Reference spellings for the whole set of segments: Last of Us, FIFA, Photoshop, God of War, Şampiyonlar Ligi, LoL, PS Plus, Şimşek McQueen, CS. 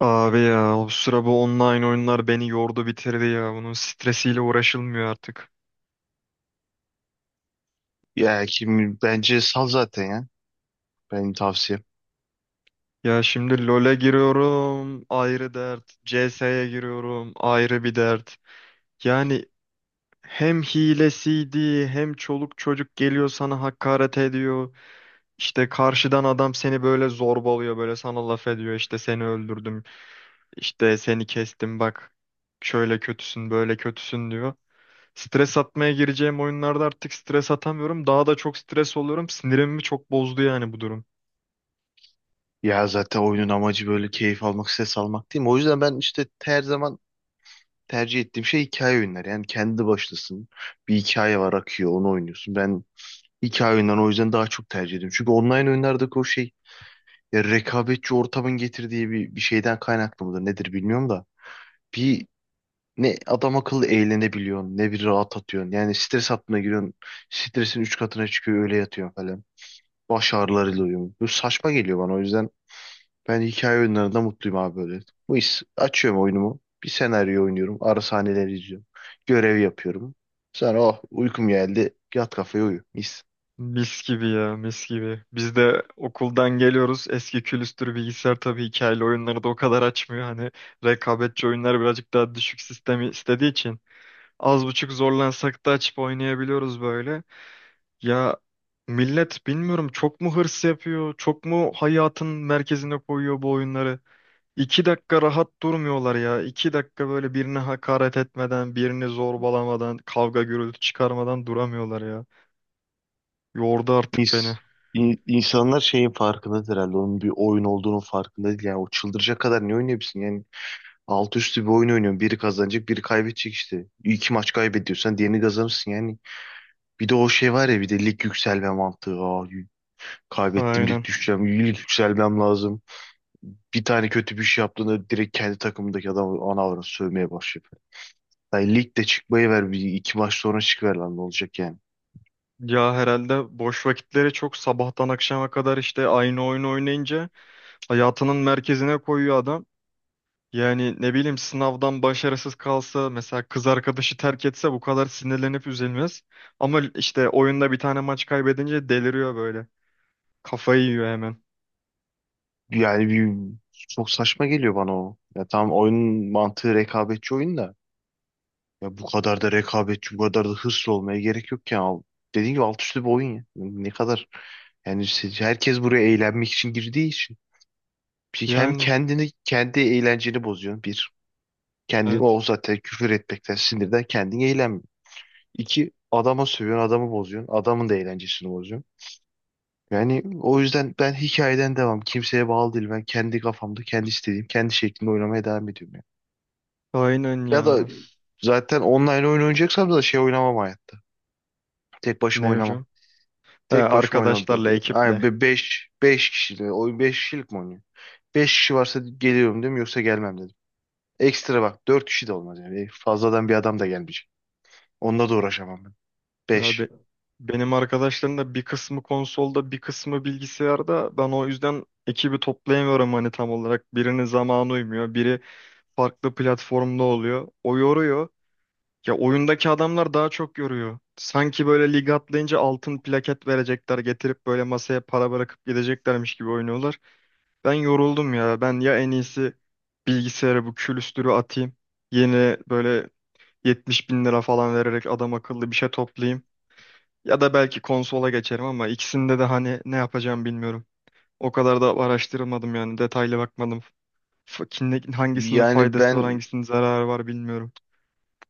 Abi ya o sıra bu online oyunlar beni yordu bitirdi ya. Bunun stresiyle uğraşılmıyor artık. Ya kim bence sal zaten ya. Benim tavsiyem. Ya şimdi LoL'e giriyorum ayrı dert. CS'ye giriyorum ayrı bir dert. Yani hem hilesiydi hem çoluk çocuk geliyor sana hakaret ediyor. İşte karşıdan adam seni böyle zorbalıyor böyle sana laf ediyor. İşte seni öldürdüm işte seni kestim bak şöyle kötüsün böyle kötüsün diyor. Stres atmaya gireceğim oyunlarda artık stres atamıyorum. Daha da çok stres oluyorum. Sinirimi çok bozdu yani bu durum. Ya zaten oyunun amacı böyle keyif almak, ses almak değil mi? O yüzden ben işte her zaman tercih ettiğim şey hikaye oyunları. Yani kendi başlasın. Bir hikaye var akıyor, onu oynuyorsun. Ben hikaye oyunlarını o yüzden daha çok tercih ediyorum. Çünkü online oyunlardaki o şey ya rekabetçi ortamın getirdiği bir şeyden kaynaklı mıdır nedir bilmiyorum da. Bir ne adam akıllı eğlenebiliyorsun ne bir rahat atıyorsun. Yani stres altına giriyorsun. Stresin üç katına çıkıyor öyle yatıyorsun falan. Baş ağrılarıyla uyuyorum. Bu saçma geliyor bana. O yüzden ben hikaye oyunlarında mutluyum abi böyle. Bu iş açıyorum oyunumu. Bir senaryo oynuyorum. Ara sahneleri izliyorum. Görev yapıyorum. Sonra oh uykum geldi. Yat kafaya uyu. Mis. Mis gibi ya, mis gibi. Biz de okuldan geliyoruz. Eski külüstür bilgisayar tabii hikayeli oyunları da o kadar açmıyor. Hani rekabetçi oyunlar birazcık daha düşük sistemi istediği için. Az buçuk zorlansak da açıp oynayabiliyoruz böyle. Ya millet bilmiyorum çok mu hırs yapıyor, çok mu hayatın merkezine koyuyor bu oyunları. İki dakika rahat durmuyorlar ya. İki dakika böyle birine hakaret etmeden, birini zorbalamadan, kavga gürültü çıkarmadan duramıyorlar ya. Yordu artık Mis. beni. İnsanlar şeyin farkındadır herhalde. Onun bir oyun olduğunun farkında değil. Yani o çıldıracak kadar ne oynayabilirsin? Yani alt üstü bir oyun oynuyorsun. Biri kazanacak, biri kaybedecek işte. İki maç kaybediyorsan diğerini kazanırsın. Yani bir de o şey var ya bir de lig yükselme mantığı. Aa, kaybettim lig Aynen. düşeceğim. Lig yükselmem lazım. Bir tane kötü bir şey yaptığında direkt kendi takımındaki adamı ana avrat sövmeye başlayıp. Yani ligde çıkmayı ver bir iki maç sonra çıkıver lan ne olacak yani. Ya herhalde boş vakitleri çok sabahtan akşama kadar işte aynı oyunu oynayınca hayatının merkezine koyuyor adam. Yani ne bileyim sınavdan başarısız kalsa mesela kız arkadaşı terk etse bu kadar sinirlenip üzülmez. Ama işte oyunda bir tane maç kaybedince deliriyor böyle. Kafayı yiyor hemen. Yani bir, çok saçma geliyor bana o. Ya tamam oyunun mantığı rekabetçi oyun da. Ya bu kadar da rekabetçi, bu kadar da hırslı olmaya gerek yok ya. Dediğim gibi alt üstü bir oyun ya. Ne kadar yani herkes buraya eğlenmek için girdiği için. Hem Yani kendini, kendi eğlenceni bozuyorsun bir. Kendini evet. o zaten küfür etmekten, sinirden kendin eğlenmiyor. İki, adama sövüyorsun, adamı bozuyorsun. Adamın da eğlencesini bozuyorsun. Yani o yüzden ben hikayeden devam. Kimseye bağlı değil. Ben kendi kafamda, kendi istediğim, kendi şeklinde oynamaya devam ediyorum. Yani. Aynen Ya ya. da zaten online oyun oynayacaksam da şey oynamam hayatta. Tek başıma Ne oynamam. hocam? He, Tek başıma oynamam. arkadaşlarla, ekiple. Yani beş kişiyle. Oyun beş kişilik mi oynuyor? Beş kişi varsa geliyorum dedim yoksa gelmem dedim. Ekstra bak dört kişi de olmaz yani. Fazladan bir adam da gelmeyecek. Onunla da uğraşamam ben. Beş. Abi, benim arkadaşlarım da bir kısmı konsolda, bir kısmı bilgisayarda. Ben o yüzden ekibi toplayamıyorum hani tam olarak. Birinin zamanı uymuyor, biri farklı platformda oluyor. O yoruyor. Ya oyundaki adamlar daha çok yoruyor. Sanki böyle lig atlayınca altın plaket verecekler, getirip böyle masaya para bırakıp gideceklermiş gibi oynuyorlar. Ben yoruldum ya. Ben ya en iyisi bilgisayara bu külüstürü atayım. Yeni böyle 70 bin lira falan vererek adam akıllı bir şey toplayayım. Ya da belki konsola geçerim ama ikisinde de hani ne yapacağım bilmiyorum. O kadar da araştırmadım yani detaylı bakmadım. Hangisinin Yani faydası var ben hangisinin zararı var bilmiyorum.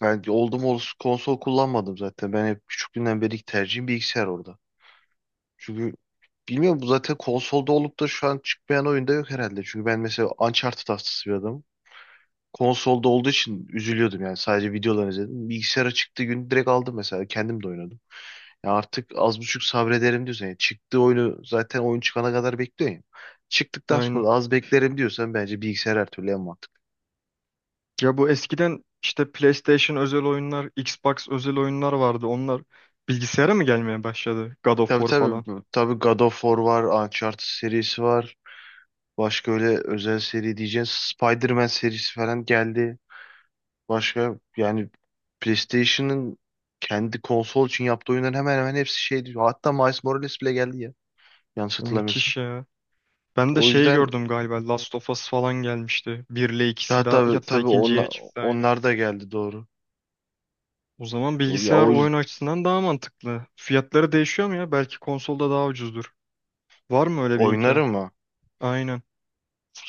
ben oldum olası konsol kullanmadım zaten. Ben hep küçüklüğümden beri tercihim bilgisayar orada. Çünkü bilmiyorum bu zaten konsolda olup da şu an çıkmayan oyunda yok herhalde. Çünkü ben mesela Uncharted hastası bir adamım. Konsolda olduğu için üzülüyordum yani sadece videoları izledim. Bilgisayara çıktığı gün direkt aldım mesela kendim de oynadım. Ya artık az buçuk sabrederim diyorsan yani çıktığı oyunu zaten oyun çıkana kadar bekliyorsun ya. Çıktıktan sonra Aynen. da az beklerim diyorsan bence bilgisayar her türlü en mantıklı. Ya bu eskiden işte PlayStation özel oyunlar, Xbox özel oyunlar vardı. Onlar bilgisayara mı gelmeye başladı? God of Tabii War falan. tabii. Tabii God of War var. Uncharted serisi var. Başka öyle özel seri diyeceğiz. Spider-Man serisi falan geldi. Başka yani PlayStation'ın kendi konsol için yaptığı oyunların hemen hemen hepsi şeydi. Hatta Miles Morales bile geldi ya. Yanlış hatırlamıyorsam. Müthiş ya. Ben de O şey yüzden gördüm galiba Last of Us falan gelmişti. Bir, ile ikisi ya daha tabii hatta tabii ikinci onlar, yeni çıktı aynı. onlar da geldi doğru. O zaman Doğru. Ya bilgisayar o oyun yüzden açısından daha mantıklı. Fiyatları değişiyor mu ya? Belki konsolda daha ucuzdur. Var mı öyle bir imkan? oynarım ama Aynen.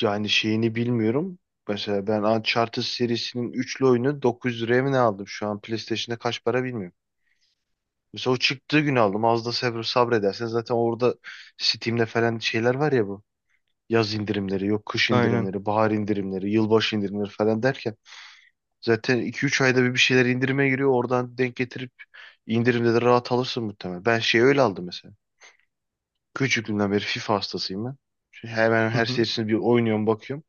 yani şeyini bilmiyorum. Mesela ben Uncharted serisinin üçlü oyunu 900 liraya mı ne aldım? Şu an PlayStation'da kaç para bilmiyorum. Mesela o çıktığı gün aldım. Az da sabredersen zaten orada Steam'de falan şeyler var ya bu. Yaz indirimleri, yok kış Aynen. indirimleri, bahar indirimleri, yılbaşı indirimleri falan derken zaten iki üç ayda bir şeyler indirime giriyor. Oradan denk getirip indirimde de rahat alırsın muhtemelen. Ben şey öyle aldım mesela. Küçüklüğümden beri FIFA hastasıyım ben. Şu hemen Hı her hı. serisini bir oynuyorum bakıyorum.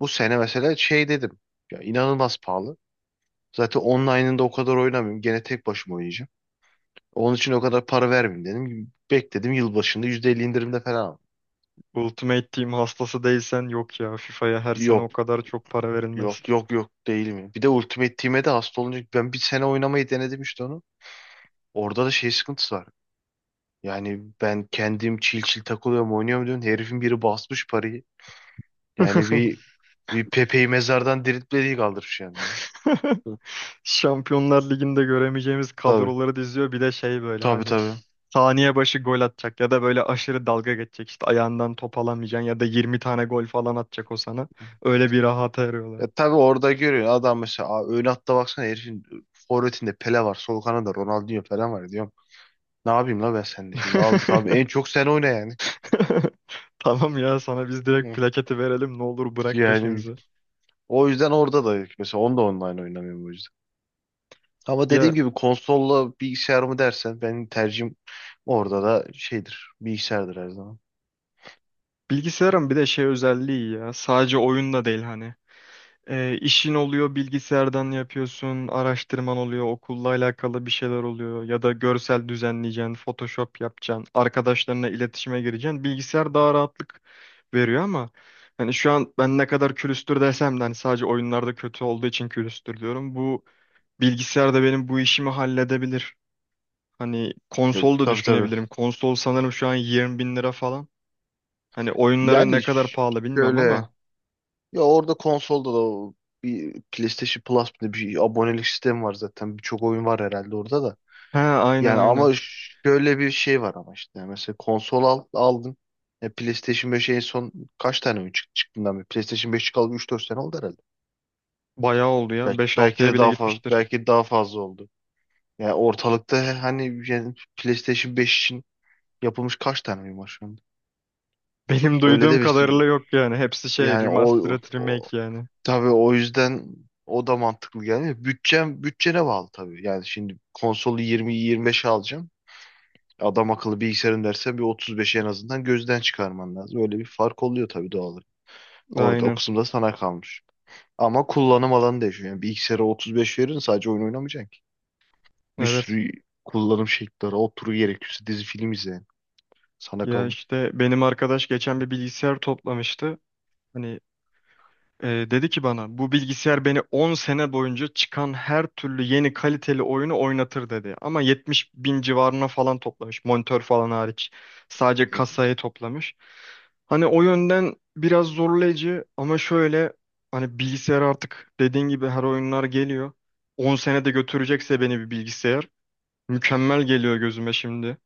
Bu sene mesela şey dedim. Ya inanılmaz pahalı. Zaten online'ında o kadar oynamıyorum. Gene tek başıma oynayacağım. Onun için o kadar para vermeyeyim dedim. Bekledim yılbaşında %50 indirimde falan aldım. Ultimate Team hastası değilsen yok ya. FIFA'ya her sene o Yok kadar çok para verilmez. yok yok yok değil mi? Bir de Ultimate Team'e de hasta olunca ben bir sene oynamayı denedim işte onu. Orada da şey sıkıntısı var. Yani ben kendim çil çil takılıyorum oynuyorum diyorum. Herifin biri basmış parayı. Yani bir bir Pepe'yi mezardan diriltmediği kaldırmış yani. Hı. Şampiyonlar Ligi'nde göremeyeceğimiz Tabii kadroları diziyor. Bir de şey böyle tabii hani tabii. saniye başı gol atacak ya da böyle aşırı dalga geçecek. İşte ayağından top alamayacaksın ya da 20 tane gol falan atacak o sana. Öyle bir rahata eriyorlar. Ya tabii orada görüyor adam mesela: "Aa, ön hatta baksana herifin forvetinde Pele var, sol kanada Ronaldinho falan" var diyor. Ne yapayım la ben sende şimdi? Al tabii en çok sen oyna yani. Tamam ya sana biz direkt Hı. plaketi verelim ne olur bırak Yani peşimizi. o yüzden orada da mesela onu da online oynamıyorum o yüzden. Ama dediğim Ya gibi konsolla bilgisayar mı dersen benim tercihim orada da şeydir. Bilgisayardır her zaman. bilgisayarın bir de şey özelliği ya sadece oyunda değil hani. İşin oluyor bilgisayardan yapıyorsun, araştırman oluyor, okulla alakalı bir şeyler oluyor ya da görsel düzenleyeceksin, Photoshop yapacaksın, arkadaşlarına iletişime gireceksin. Bilgisayar daha rahatlık veriyor ama hani şu an ben ne kadar külüstür desem de hani sadece oyunlarda kötü olduğu için külüstür diyorum. Bu bilgisayar da benim bu işimi halledebilir. Hani Ya, konsol da tabii tabii. düşünebilirim. Konsol sanırım şu an 20 bin lira falan. Hani oyunları ne Yani kadar pahalı bilmiyorum şöyle ama. ya orada konsolda da o bir PlayStation Plus bir abonelik sistemi var zaten. Birçok oyun var herhalde orada da. He, aynen Yani aynen. ama şöyle bir şey var ama işte yani mesela konsol al, aldın. E, PlayStation 5 en son kaç tane mi çıktı çıktığından beri? PlayStation 5 çıkalı üç dört sene oldu herhalde. Bayağı oldu ya. Belki Beş belki altıya de bile daha fazla gitmiştir. belki daha fazla oldu. Yani ortalıkta hani yani PlayStation 5 için yapılmış kaç tane oyun var şu anda? Benim Öyle duyduğum de bir kadarıyla yok yani. Hepsi şey yani o, remastered o remake yani. tabii o yüzden o da mantıklı gelmiyor. Bütçem bütçene bağlı tabii. Yani şimdi konsolu 20-25'e alacağım. Adam akıllı bilgisayarın derse bir 35'i en azından gözden çıkarman lazım. Öyle bir fark oluyor tabii doğal olarak. Orada o Aynen. kısımda sana kalmış. Ama kullanım alanı değişiyor. Yani bilgisayara 35 verin sadece oyun oynamayacaksın ki. Bir Evet. sürü kullanım şekilleri, otur gerekirse dizi film izleyin. Sana Ya kalmış. işte benim arkadaş geçen bir bilgisayar toplamıştı. Hani dedi ki bana bu bilgisayar beni 10 sene boyunca çıkan her türlü yeni kaliteli oyunu oynatır dedi. Ama 70 bin civarına falan toplamış. Monitör falan hariç. Sadece kasayı toplamış. Hani o yönden biraz zorlayıcı ama şöyle hani bilgisayar artık dediğin gibi her oyunlar geliyor. 10 sene de götürecekse beni bir bilgisayar. Mükemmel geliyor gözüme şimdi.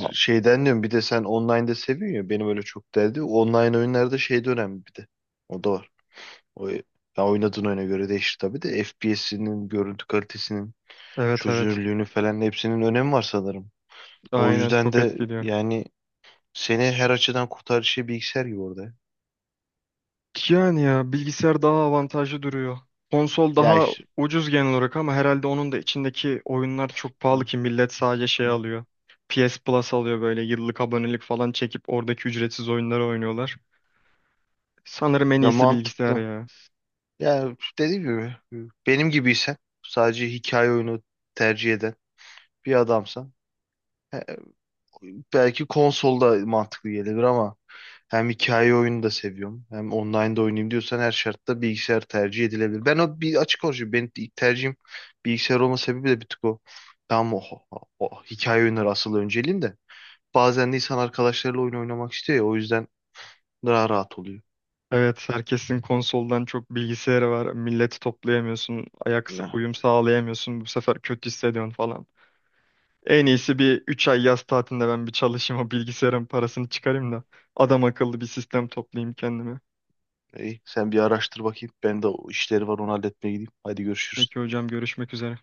A- şeyden diyorum bir de sen online'da seviyorsun ya benim öyle çok derdi. Online oyunlarda şey de önemli bir de. O da var. O, ya oynadığın oyuna göre değişir tabii de FPS'inin, görüntü kalitesinin, Evet, evet. çözünürlüğünü falan hepsinin önemi var sanırım. O Aynen, yüzden çok de etkiliyor. yani seni her açıdan kurtarıcı şey bilgisayar gibi orada. Yani ya bilgisayar daha avantajlı duruyor. Konsol Ya daha işte ucuz genel olarak ama herhalde onun da içindeki oyunlar çok pahalı ki millet sadece şey alıyor. PS Plus alıyor böyle yıllık abonelik falan çekip oradaki ücretsiz oyunları oynuyorlar. Sanırım en ya iyisi bilgisayar mantıklı. ya. Ya dediğim gibi benim gibiysen sadece hikaye oyunu tercih eden bir adamsan e, belki konsolda mantıklı gelebilir ama hem hikaye oyunu da seviyorum hem online'da oynayayım diyorsan her şartta bilgisayar tercih edilebilir. Ben o bir açık konuşayım. Benim ilk tercihim bilgisayar olma sebebi de bir tık o. Tamam o, o hikaye oyunları asıl önceliğim de. Bazen de insan arkadaşlarıyla oyun oynamak istiyor ya o yüzden daha rahat oluyor. Evet, herkesin konsoldan çok bilgisayarı var. Milleti toplayamıyorsun, ayak Ne? uyum sağlayamıyorsun. Bu sefer kötü hissediyorsun falan. En iyisi bir 3 ay yaz tatilinde ben bir çalışayım o bilgisayarın parasını çıkarayım da adam akıllı bir sistem toplayayım kendime. İyi, sen bir araştır bakayım. Ben de o işleri var onu halletmeye gideyim. Hadi görüşürüz. Peki hocam, görüşmek üzere.